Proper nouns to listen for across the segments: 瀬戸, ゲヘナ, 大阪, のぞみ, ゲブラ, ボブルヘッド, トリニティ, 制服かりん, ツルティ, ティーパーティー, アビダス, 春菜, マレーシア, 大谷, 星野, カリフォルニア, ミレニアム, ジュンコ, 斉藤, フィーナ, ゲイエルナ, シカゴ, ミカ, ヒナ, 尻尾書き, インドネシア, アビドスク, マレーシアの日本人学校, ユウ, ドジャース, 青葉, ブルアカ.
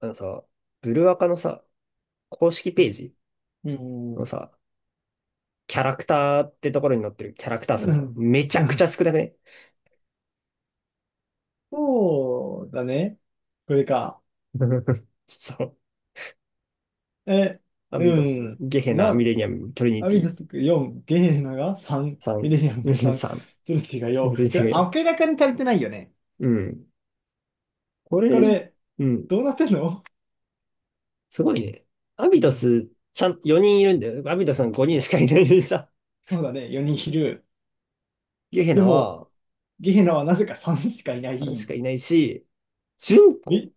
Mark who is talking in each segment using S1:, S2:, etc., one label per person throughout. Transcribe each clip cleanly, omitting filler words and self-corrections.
S1: あのさ、ブルアカのさ、公式
S2: う
S1: ペ
S2: ん、
S1: ージのさ、キャラクターってところに載ってるキャラクター数
S2: う
S1: さ、
S2: ん、
S1: めちゃ
S2: う
S1: くち
S2: ん。
S1: ゃ少なくね？
S2: そうだね。これか。
S1: そう。
S2: え、
S1: ア
S2: う
S1: ビダス、
S2: ん。
S1: ゲヘナ、ミ
S2: な、
S1: レニアム、トリニ
S2: ア
S1: テ
S2: ビ
S1: ィ、
S2: ドスク4、ゲイエルナが3、
S1: サ
S2: ミ
S1: ン、
S2: レニアムが 3、
S1: サン、
S2: ツルティが
S1: も
S2: 4。
S1: う
S2: こ
S1: トリニティ
S2: れ
S1: がよ。
S2: 明らかに足りてないよね。
S1: うん。こ
S2: こ
S1: れ、
S2: れ、
S1: うん。
S2: どうなってんの？
S1: すごいね。アビ
S2: う
S1: ダ
S2: ん。
S1: ス、ちゃん、4人いるんだよ。アビダスは5人しかいないのにさ、
S2: そうだね、4人いる。
S1: ゲヘ
S2: で
S1: ナ
S2: も、
S1: は
S2: ゲイエルナはなぜか3しかいな
S1: 3し
S2: い。
S1: かいないし、ジュン
S2: ミ、
S1: コ、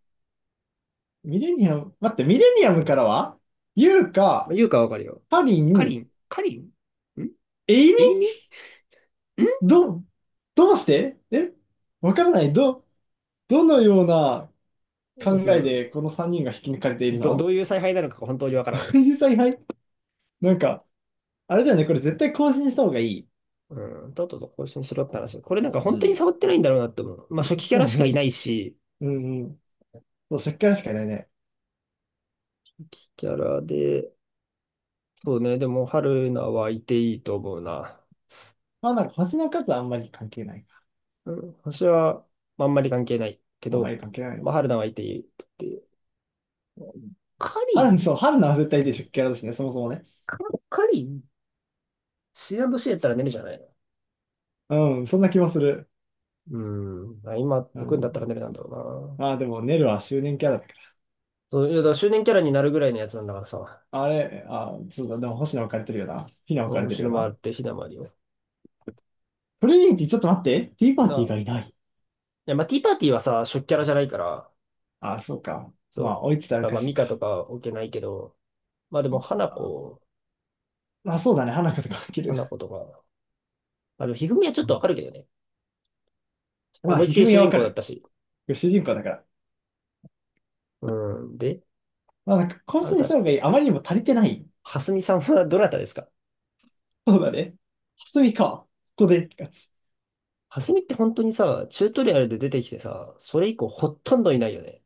S2: ミレニアム、待って、ミレニアムからはユウ
S1: まあ、
S2: か、
S1: 言うかわかるよ。
S2: ハリ
S1: カリ
S2: ン、
S1: ン、カリンん、
S2: エイミ、
S1: エイミん、
S2: ど、どうして？えわからない。どのような
S1: そ
S2: 考えで
S1: う。
S2: この3人が引き抜かれている
S1: ど、どう
S2: の？
S1: いう采配なのかが本当にわから
S2: こ
S1: ん。
S2: ういう采 配、なんか、あれだよね、これ絶対更新した方がいい。
S1: うん、とっとと更新しろって話。これなんか
S2: う
S1: 本当に
S2: ん。
S1: 触ってないんだろうなって思う。まあ初期キャ
S2: そ
S1: ラ
S2: う
S1: しかい
S2: ね。
S1: ないし、
S2: うんうん。そう、しっかりしかいないね。
S1: 初期キャラで、そうね、でも春菜はいていいと思うな。
S2: まあなんか星の数はあんまり関係ないか。
S1: うん、私はまああんまり関係ないけ
S2: あんまり
S1: ど、
S2: 関係ないね。
S1: まあ春菜はいていいって。カリ
S2: 春の、
S1: ン、
S2: そう、春のは絶対でしょ、キャラだしね、そもそもね。
S1: カカリン ?C&C やったら寝るじゃないの。
S2: うん、そんな気もする。
S1: うん、まあ今、
S2: う
S1: 僕んだったら
S2: ん。
S1: 寝るなんだろうな。
S2: まあでも、ネルは周年キャラだか
S1: そう、いや、だから周年キャラになるぐらいのやつなんだからさ。
S2: ら。あれ、あ、そうだ、でも星野置かれてるよな。ヒナ置かれて
S1: 星
S2: るよ
S1: の回っ
S2: な。
S1: てひだまりを。
S2: トレニーィちょっと待って。ティーパー
S1: な
S2: ティーが
S1: あ、
S2: いない。
S1: で、まあ、ティーパーティーはさ、初期キャラじゃないから、
S2: あ、そうか。まあ、
S1: そ
S2: 追いつつあ
S1: う。
S2: る
S1: あ、
S2: か
S1: まあ、
S2: し
S1: ミ
S2: い
S1: カと
S2: か。
S1: かは置けないけど、まあでも、花
S2: あ
S1: 子、
S2: まあ、そうだね。花子とか起きる。
S1: 花子とか、まあ、でも、ひふみはちょ
S2: う
S1: っとわ
S2: ん。
S1: かるけどね。
S2: まあ、
S1: 思いっ
S2: ひ
S1: き
S2: ふ
S1: り
S2: み
S1: 主
S2: はわ
S1: 人
S2: か
S1: 公だっ
S2: る。
S1: たし。
S2: 主人公だから。
S1: うん。で、
S2: まあ、なんか、こい
S1: あ
S2: つ
S1: な
S2: にし
S1: た、
S2: た方がいい。あまりにも足りてない。
S1: はすみさんはどなたですか？
S2: そうだね。はすみか。ここでって感じ。
S1: はすみって本当にさ、チュートリアルで出てきてさ、それ以降ほとんどいないよね。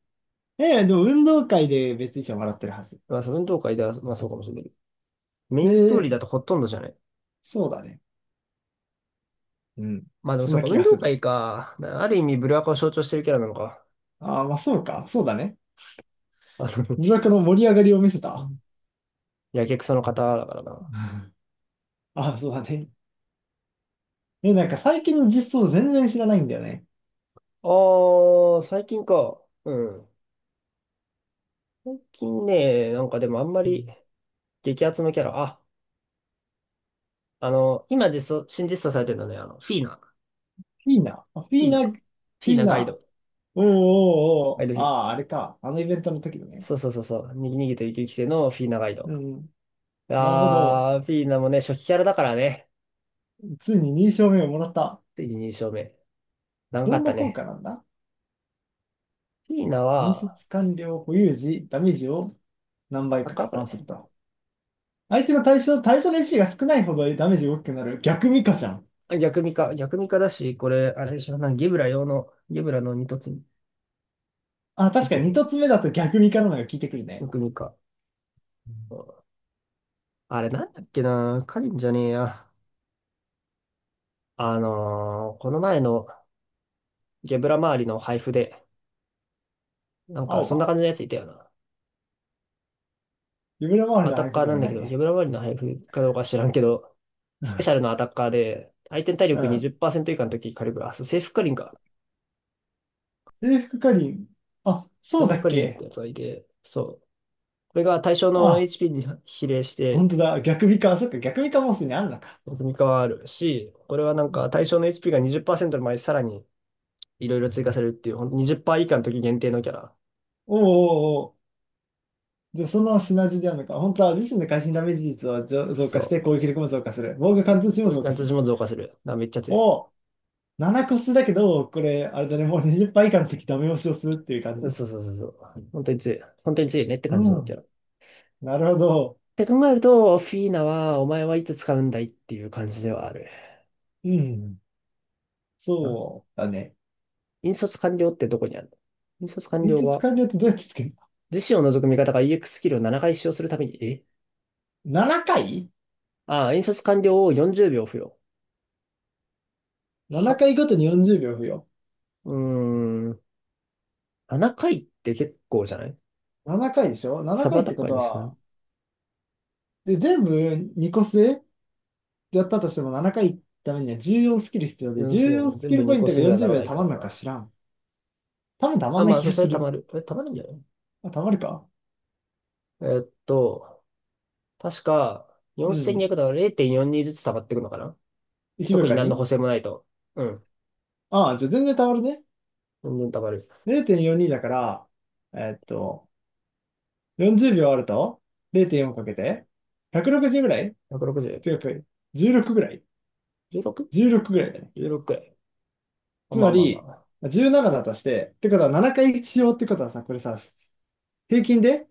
S2: ええ、でも運動会で別に一緒に笑ってるはず。
S1: まあ、そう運動会では、まあそうかもしれないけど。メインストーリーだ
S2: で、
S1: とほとんどじゃない？
S2: そうだね。うん。
S1: まあでも
S2: そん
S1: そう
S2: な
S1: か、
S2: 気
S1: 運
S2: が
S1: 動
S2: する。
S1: 会か。な、ある意味、ブルアカを象徴してるキャラなのか。
S2: ああ、まあそうか。そうだね。
S1: あの、
S2: ブラックの盛り上がりを見せた。
S1: やけくその方だからな。
S2: ああ、そうだね。え、なんか最近の実装全然知らないんだよね。
S1: ああ、最近か。うん。最近ね、なんかでもあんま
S2: う
S1: り
S2: ん。
S1: 激アツのキャラ。あ、あの、今実装、新実装されてるのね、あの、フィーナ。
S2: フィーナ。あ、フ
S1: フ
S2: ィ
S1: ィ
S2: ー
S1: ーナ。
S2: ナ、
S1: フ
S2: フ
S1: ィー
S2: ィー
S1: ナガイ
S2: ナ。
S1: ド。
S2: おーおー
S1: ガイ
S2: お
S1: ド
S2: ー。
S1: フ
S2: あ
S1: ィー。
S2: あ、あれか。あのイベントの時のね。
S1: そうそうそうそう。に逃げて生き生きてのフィーナガイド。
S2: うん。なるほど。
S1: ああ、フィーナもね、初期キャラだからね。
S2: ついに認証名をもらった。
S1: ついに2勝目。長か
S2: ど
S1: っ
S2: ん
S1: た
S2: な効
S1: ね。
S2: 果なんだ？
S1: フィーナ
S2: 認出
S1: は、
S2: 完了保有時、ダメージを何
S1: ま
S2: 倍
S1: た
S2: か
S1: か
S2: 加
S1: こ
S2: 算す
S1: れ。
S2: ると。相手の対象、対象の HP が少ないほどダメージが大きくなる。逆ミカじゃん。
S1: あ、逆ミカ。逆ミカだし、これ、あれでしょ、なんかゲブラ用の、ゲブラの二突
S2: あ、
S1: 以
S2: 確か
S1: 降
S2: に
S1: のや
S2: 2つ
S1: つ。
S2: 目だと逆ミカなのが効いてくるね。
S1: 逆ミカ。
S2: うん、
S1: あれなんだっけな、カリンじゃねえや。この前のゲブラ周りの配布で、なんか
S2: 青
S1: そんな
S2: 葉。
S1: 感じのやついたよな。
S2: 夢の周り
S1: ア
S2: の
S1: タ
S2: 配
S1: ッ
S2: 布
S1: カー
S2: で
S1: な
S2: は
S1: んだ
S2: な
S1: け
S2: い
S1: ど、ゲ
S2: ね。
S1: ブラ周りの配布かどうか知らんけど、スペシャル
S2: う
S1: のアタッカーで、相手の体力
S2: ん。
S1: 20%以下の時カリブラ、あそうセーフカリンか。
S2: 制服かりん。あ、
S1: セ
S2: そ
S1: ー
S2: うだ
S1: フ
S2: っ
S1: カリンって
S2: け？
S1: やつがいて、そう。これが対象の
S2: あ、
S1: HP に比例して
S2: 本当だ。逆ミカ。そっか、逆ミカもすでにあるのか。
S1: 積み変わるし、これはなんか対象の HP が20%の前にさらにいろいろ追加されるっていう、ほんと20%以下の時限定のキャラ。
S2: おーおー。で、そのシナジーであるのか、本当は自身の会心ダメージ率を上増
S1: そ
S2: 加して
S1: う、
S2: 攻撃力も増加する。防御貫通値
S1: こ
S2: も
S1: ういう
S2: 増加
S1: 感じ
S2: す
S1: 私
S2: る。
S1: も増加する。あ、めっちゃ強い。
S2: を7個数だけど、これ、あれだね、もう20%以下の時ダメ押しをするっていう感
S1: そう
S2: じ。
S1: そうそうそう。本当に強い。本当に強いねって
S2: う
S1: 感じのキャ
S2: ん。
S1: ラ。っ
S2: なるほど。
S1: て考えると、フィーナは、お前はいつ使うんだいっていう感じではある。
S2: うん。
S1: な。
S2: そうだね。
S1: 引率完了ってどこにあるの？引率完
S2: リ
S1: 了
S2: ス
S1: は、
S2: 完了ってどうやってつける？
S1: 自身を除く味方が EX ススキルを7回使用するために、え、
S2: の 7 回？
S1: ああ、引率完了を40秒付与。
S2: 7
S1: は、
S2: 回ごとに40秒付与。
S1: うーん。7回って結構じゃない？
S2: 7回でしょ？ 7
S1: サブア
S2: 回っ
S1: タ
S2: て
S1: ッ
S2: こ
S1: カー
S2: と
S1: にしかな、
S2: は、で、全部2個数やったとしても7回ためには14スキル必要で、
S1: うん、そ
S2: 14
S1: う。
S2: ス
S1: 全
S2: キ
S1: 部
S2: ルポ
S1: 2
S2: イン
S1: 個
S2: トが
S1: 数にはな
S2: 40
S1: ら
S2: 秒
S1: な
S2: で
S1: い
S2: た
S1: か
S2: ま
S1: ら
S2: んのか
S1: な。
S2: 知らん。多分たま
S1: あ、
S2: んない
S1: まあ、
S2: 気
S1: そう、
S2: が
S1: そ
S2: す
S1: れたま
S2: る。
S1: る。え、たまるんじゃない？
S2: あ、たまるか。
S1: えーっと、確か、
S2: うん。
S1: 4200だから0.42ずつ溜まっていくのかな。
S2: 1秒
S1: 特に
S2: 間
S1: 何の
S2: に。
S1: 補正もないと。うん。
S2: ああ、じゃあ全然たまるね。
S1: どんどん溜まる。
S2: 0.42だから、えーっと、40秒あると0.4かけて、160ぐらい
S1: 160。
S2: 強く、16ぐらい？ 16 ぐらいだね。
S1: 16?16。じゅうろくくらい、
S2: つ
S1: ま
S2: ま
S1: あまあま
S2: り、
S1: あ。
S2: 17だとして、ってことは7回しようってことはさ、これさ、平均で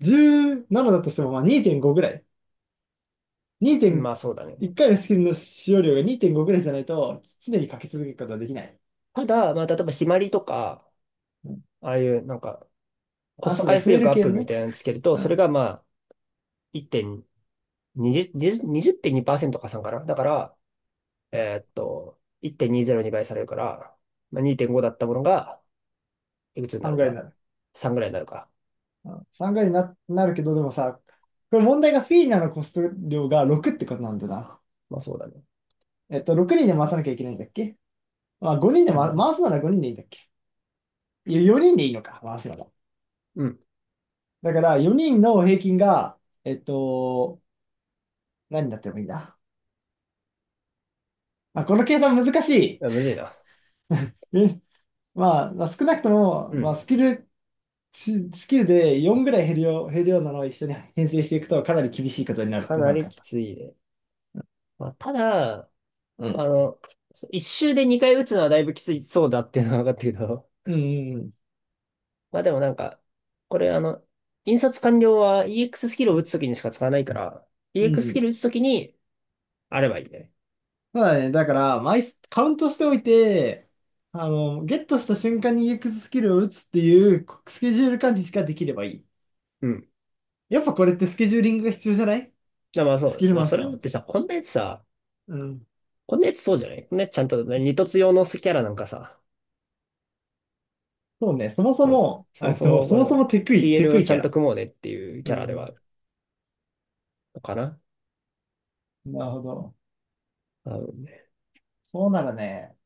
S2: 17だとしてもまあ2.5ぐらい。
S1: うん、まあそうだ
S2: 2.1
S1: ね。
S2: 回のスキルの使用量が2.5ぐらいじゃないと、常にかけ続けることはできない。
S1: ただ、まあ例えばひまりとか、ああいうなんか、コ
S2: あ、
S1: スト
S2: そうね、
S1: 回復
S2: 増える
S1: 力アッ
S2: 系
S1: プ
S2: の
S1: み
S2: ね。
S1: たいなのつけると、
S2: う
S1: それ
S2: ん。
S1: がまあ1.20、20 20.2%加算かなだから、えーっと、1.20に倍されるから、まあ、2.5だったものが、いくつに
S2: さ
S1: な
S2: ん
S1: る
S2: ぐ
S1: ん
S2: ら回に
S1: だ
S2: なる。
S1: ?3 ぐらいになるか。
S2: うん、さんぐら回になるけど、でもさ、これ問題がフィーナのコスト量が6ってことなんだな。
S1: まあそうだね。
S2: えっと、6人で回さなきゃいけないんだっけ？まあ、5人で、
S1: う
S2: ま、
S1: ん。
S2: 回すなら5人でいいんだっけ？いや、4人でいいのか、回すなら。
S1: うん。
S2: だから、4人の平均が、えっと、何になってもいいな。まあ、この計算難し
S1: い
S2: い。
S1: やむずいな。
S2: ね。まあ、まあ、少なくとも、
S1: う
S2: まあ、
S1: ん。
S2: ススキルで4ぐらい減るよう、減るようなのを一緒に編成していくとかなり厳しいことになるっ
S1: か
S2: ての
S1: な
S2: が分か
S1: り
S2: っ
S1: き
S2: た。
S1: ついね。まあ、ただ、
S2: う
S1: あ
S2: ん
S1: の、一周で2回打つのはだいぶきついそうだっていうのは分かったけど、
S2: うんうん。うん。
S1: まあでもなんか、これあの、引率完了は EX ススキルを打つときにしか使わないから、
S2: う
S1: EX スス
S2: ん。
S1: キル打つときにあればいいんだよね。
S2: そうだね。だから、枚数、カウントしておいて、あの、ゲットした瞬間にユークススキルを打つっていうスケジュール管理ができればいい。
S1: うん。
S2: やっぱこれってスケジューリングが必要じゃない？
S1: だ、まあそ
S2: ス
S1: う。
S2: キル
S1: まあ
S2: 回
S1: そ
S2: し
S1: れだっ
S2: の。
S1: てさ、こんなやつさ、
S2: うん。
S1: こんなやつそうじゃない、こんなやつちゃんとね、二突用のキャラなんかさ、
S2: そうね。そもそ
S1: うん、
S2: も、
S1: そも
S2: あ
S1: そ
S2: と、
S1: も
S2: そ
S1: これ
S2: もそもテ
S1: TL
S2: ク
S1: を
S2: イ
S1: ち
S2: キ
S1: ゃ
S2: ャ
S1: んと
S2: ラ。
S1: 組もうねっていう
S2: う
S1: キャラではあ
S2: ん。
S1: るのかな。
S2: なるほど。
S1: あ、
S2: そうならね、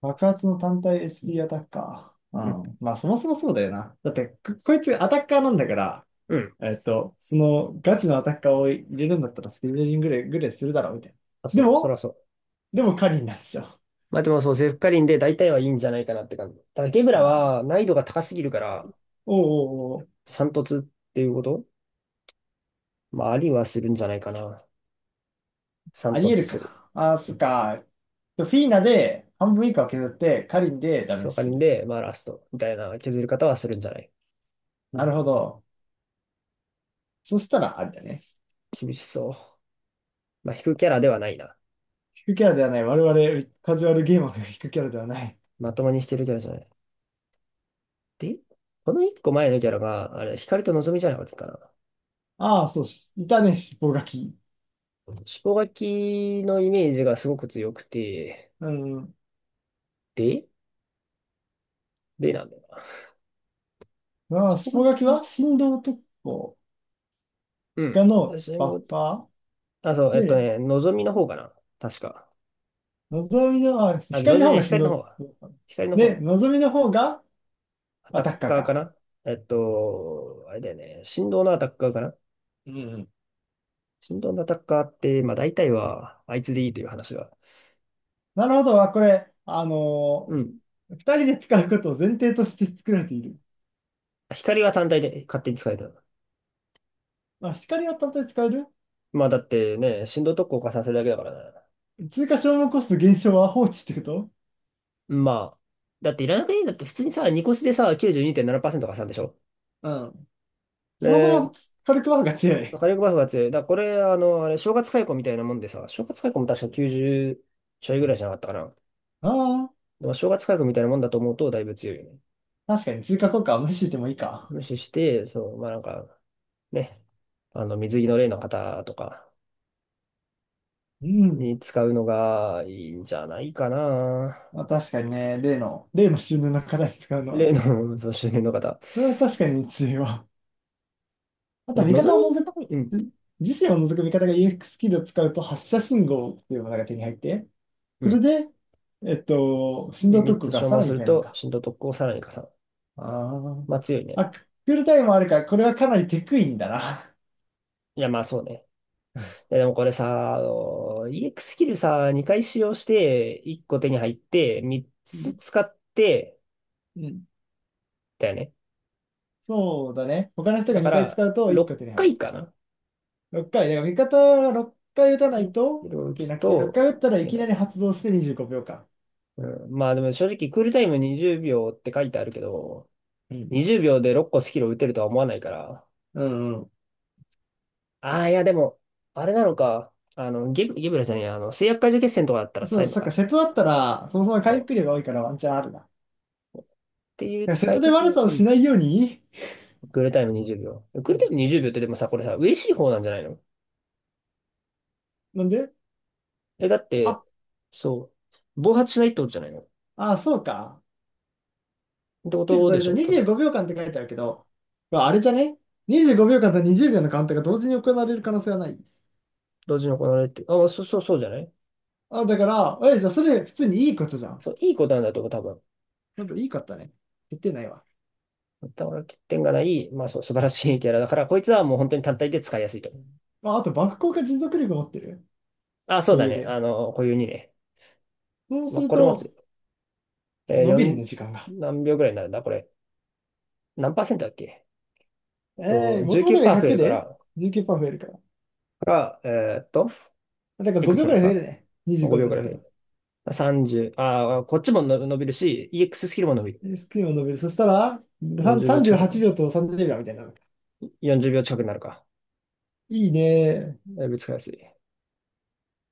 S2: 爆発の単体 SP アタッカー。う
S1: うん。
S2: ん。まあ、そもそもそうだよな。だって、ここいつアタッカーなんだから、
S1: うん、
S2: えっと、そのガチのアタッカーを入れるんだったらスケジューリングぐらい、ぐらいするだろうみたいな。
S1: あ、
S2: で
S1: そう、そら
S2: も、
S1: そう。
S2: でもカリンなんでしょ。あ
S1: まあでもそう、セフカリンで大体はいいんじゃないかなって感じ。ただ、ゲブラ
S2: あ、
S1: は難易度が高すぎるから、
S2: おうおうおう、
S1: 三突っていうこと？まあ、ありはするんじゃないかな。三
S2: あり
S1: 突
S2: える
S1: する。
S2: か。ああ、そっか。フィーナで半分以下を削ってカリンでダメ
S1: セ
S2: ー
S1: フ
S2: ジ
S1: カリ
S2: す
S1: ン
S2: る。
S1: で、まあラストみたいな削り方はするんじゃない？
S2: なるほど。そしたらあれだね。
S1: 厳しそう。まあ、引くキャラではないな。
S2: 引くキャラではない。我々カジュアルゲーマーが引くキャラではない。
S1: まともに引けるキャラじゃない。で、この一個前のキャラが、あれ、光と望みじゃなかったか
S2: ああ、そうし、いたね、尻尾書き。
S1: な。尻尾書きのイメージがすごく強くて、
S2: うん。
S1: で、でなんだよな。
S2: ま
S1: 尻
S2: あ、
S1: 尾
S2: 尻
S1: 書
S2: 尾書き
S1: き、
S2: は振動特攻
S1: うん。
S2: がの
S1: 私
S2: バ
S1: も、
S2: ッファ
S1: あ、そう、
S2: ーで、
S1: ね、のぞみの方かな、確か。
S2: のぞみの、あ、
S1: あ、のぞ
S2: 光
S1: みじ
S2: の
S1: ゃ
S2: 方
S1: ない、
S2: が振
S1: 光の
S2: 動。
S1: 方。光の
S2: で、
S1: 方。
S2: のぞみの方が
S1: ア
S2: ア
S1: タッ
S2: タッカー
S1: カーか
S2: か。
S1: な？えっと、あれだよね。振動のアタッカーかな？
S2: うん。
S1: 振動のアタッカーって、まあ大体は、あいつでいいという話が。
S2: なるほど。あ、これ、
S1: うん。
S2: 二人で使うことを前提として作られている。
S1: 光は単体で勝手に使える。
S2: まあ、光は単体で使える。
S1: まあだってね、振動特効加算するだけだからね。
S2: 追加消耗コスト減少は放置ってこと？
S1: まあ、だっていらなくていいんだって、普通にさ、ニコスでさ、92.7%加算でしょ？
S2: うん。そもそ
S1: で、
S2: も火力バフが強い。
S1: 火力バフが強い。だからこれ、あの、あれ、正月解雇みたいなもんでさ、正月解雇も確か90ちょいぐらいじゃなかったかな。
S2: あ
S1: まあ、正月価格みたいなもんだと思うとだいぶ強いよね。
S2: あ、確かに追加効果は無視してもいいか。
S1: 無視して、そう、まあなんか、ね、あの、水着の例の方とか
S2: うん。
S1: に使うのがいいんじゃないかな。
S2: まあ確かにね、例の、例の収納の課題に使うの
S1: 例
S2: は、
S1: の、そう、周年の方。
S2: それは確かに強いわ。あと
S1: 望
S2: は味
S1: み
S2: 方を除く、
S1: たい、うん、
S2: 自身を除く味方が UX ススキルを使うと発射信号っていうものが手に入って、
S1: う
S2: それ
S1: ん。
S2: で、えっと、振動
S1: 3
S2: 特攻
S1: つ
S2: が
S1: 消
S2: さ
S1: 耗
S2: ら
S1: す
S2: に
S1: る
S2: 増えるの
S1: と、
S2: か。
S1: 震動特攻をさらに加算。
S2: あ
S1: まあ強い
S2: あ。
S1: ね。
S2: あ、クールタイムもあるから、これはかなりテクいんだな。
S1: いや、まあそうね。いや、でもこれさ、あの、EX ススキルさ、2回使用して、1個手に入って、3
S2: う
S1: つ
S2: ん。
S1: 使って、
S2: うん。
S1: だよね。
S2: そうだね。他の人
S1: だ
S2: が
S1: か
S2: 2回
S1: ら、
S2: 使うと1個
S1: 6
S2: 手に入
S1: 回
S2: る。
S1: かいかな？
S2: 6回。だから味方が6回打たない
S1: そ
S2: と
S1: れを
S2: い
S1: 打
S2: け
S1: つ
S2: なくて、6
S1: と、
S2: 回打ったら
S1: い
S2: い
S1: け
S2: き
S1: な
S2: な
S1: い。
S2: り発動して25秒間。
S1: うん、まあでも正直、クールタイム20秒って書いてあるけど、
S2: うん。
S1: 20秒で6個スキルを打てるとは思わないから。
S2: うんう
S1: ああ、いやでも、あれなのか。あの、ゲブラじゃない、あの、制約解除決戦とかだった
S2: ん。
S1: ら使
S2: そう、
S1: えるの
S2: そっか、
S1: か。
S2: 瀬戸だったら、そもそも回
S1: そう、
S2: 復量が多いからワンチャンあるな。
S1: っていう
S2: セや瀬
S1: 使い
S2: 戸で悪
S1: 方。
S2: さを
S1: う
S2: し
S1: ん。
S2: ないように。
S1: クールタイム20秒。クー
S2: う
S1: ルタ
S2: ん。
S1: イム20秒ってでもさ、これさ、嬉しい方なんじゃないの？
S2: なんで？
S1: え、だって、
S2: あ、
S1: そう、暴発しないってことじゃないの、っ
S2: あ、そうか。
S1: てこ
S2: てか
S1: と
S2: こ
S1: で
S2: れ
S1: し
S2: さ、
S1: ょ、多分。
S2: 25秒間って書いてあるけど、まああれじゃね？ 25 秒間と20秒のカウントが同時に行われる可能性はない。
S1: 同時に行われて。あ、そうそうそうじゃない？
S2: あ、だから、え、じゃあそれ普通にいいことじゃん。
S1: そう、いいことなんだと思う、多分。
S2: なんかいいことだね。言ってないわ。
S1: だから欠点がない、まあそう、素晴らしい キャラだから、こいつはもう本当に単体で使いやすいと思
S2: う
S1: う。
S2: ん。まあ、あと、バック効果持続力持ってる。
S1: あ、そう
S2: 固
S1: だ
S2: 有
S1: ね。
S2: で。
S1: あの、固有にね。
S2: そう
S1: ま
S2: す
S1: あ
S2: る
S1: これもつ、
S2: と、
S1: えー、
S2: 伸びる
S1: 4、
S2: ね、時間が。
S1: 何秒ぐらいになるんだこれ。何パーセントだっけ？えっと、
S2: もともとが
S1: 19%増え
S2: 100
S1: るか
S2: で
S1: ら、
S2: 19%増えるから。
S1: から、えーっと、
S2: だから
S1: いく
S2: 5
S1: つ
S2: 秒
S1: なん
S2: く
S1: で
S2: ら
S1: す
S2: い増え
S1: か
S2: るね。25
S1: ?5 秒
S2: 秒
S1: ぐ
S2: だっ
S1: らい増
S2: た
S1: え
S2: ら。
S1: る。30、ああこっちもの伸びるし、EX ススキルも伸びる。
S2: でスクリーンを伸びる。そしたら、さん
S1: 40秒近
S2: 38
S1: くなの
S2: 秒と30秒みたいな。
S1: ?40 秒近くなるか。
S2: いいね。
S1: だいぶ使いやすい。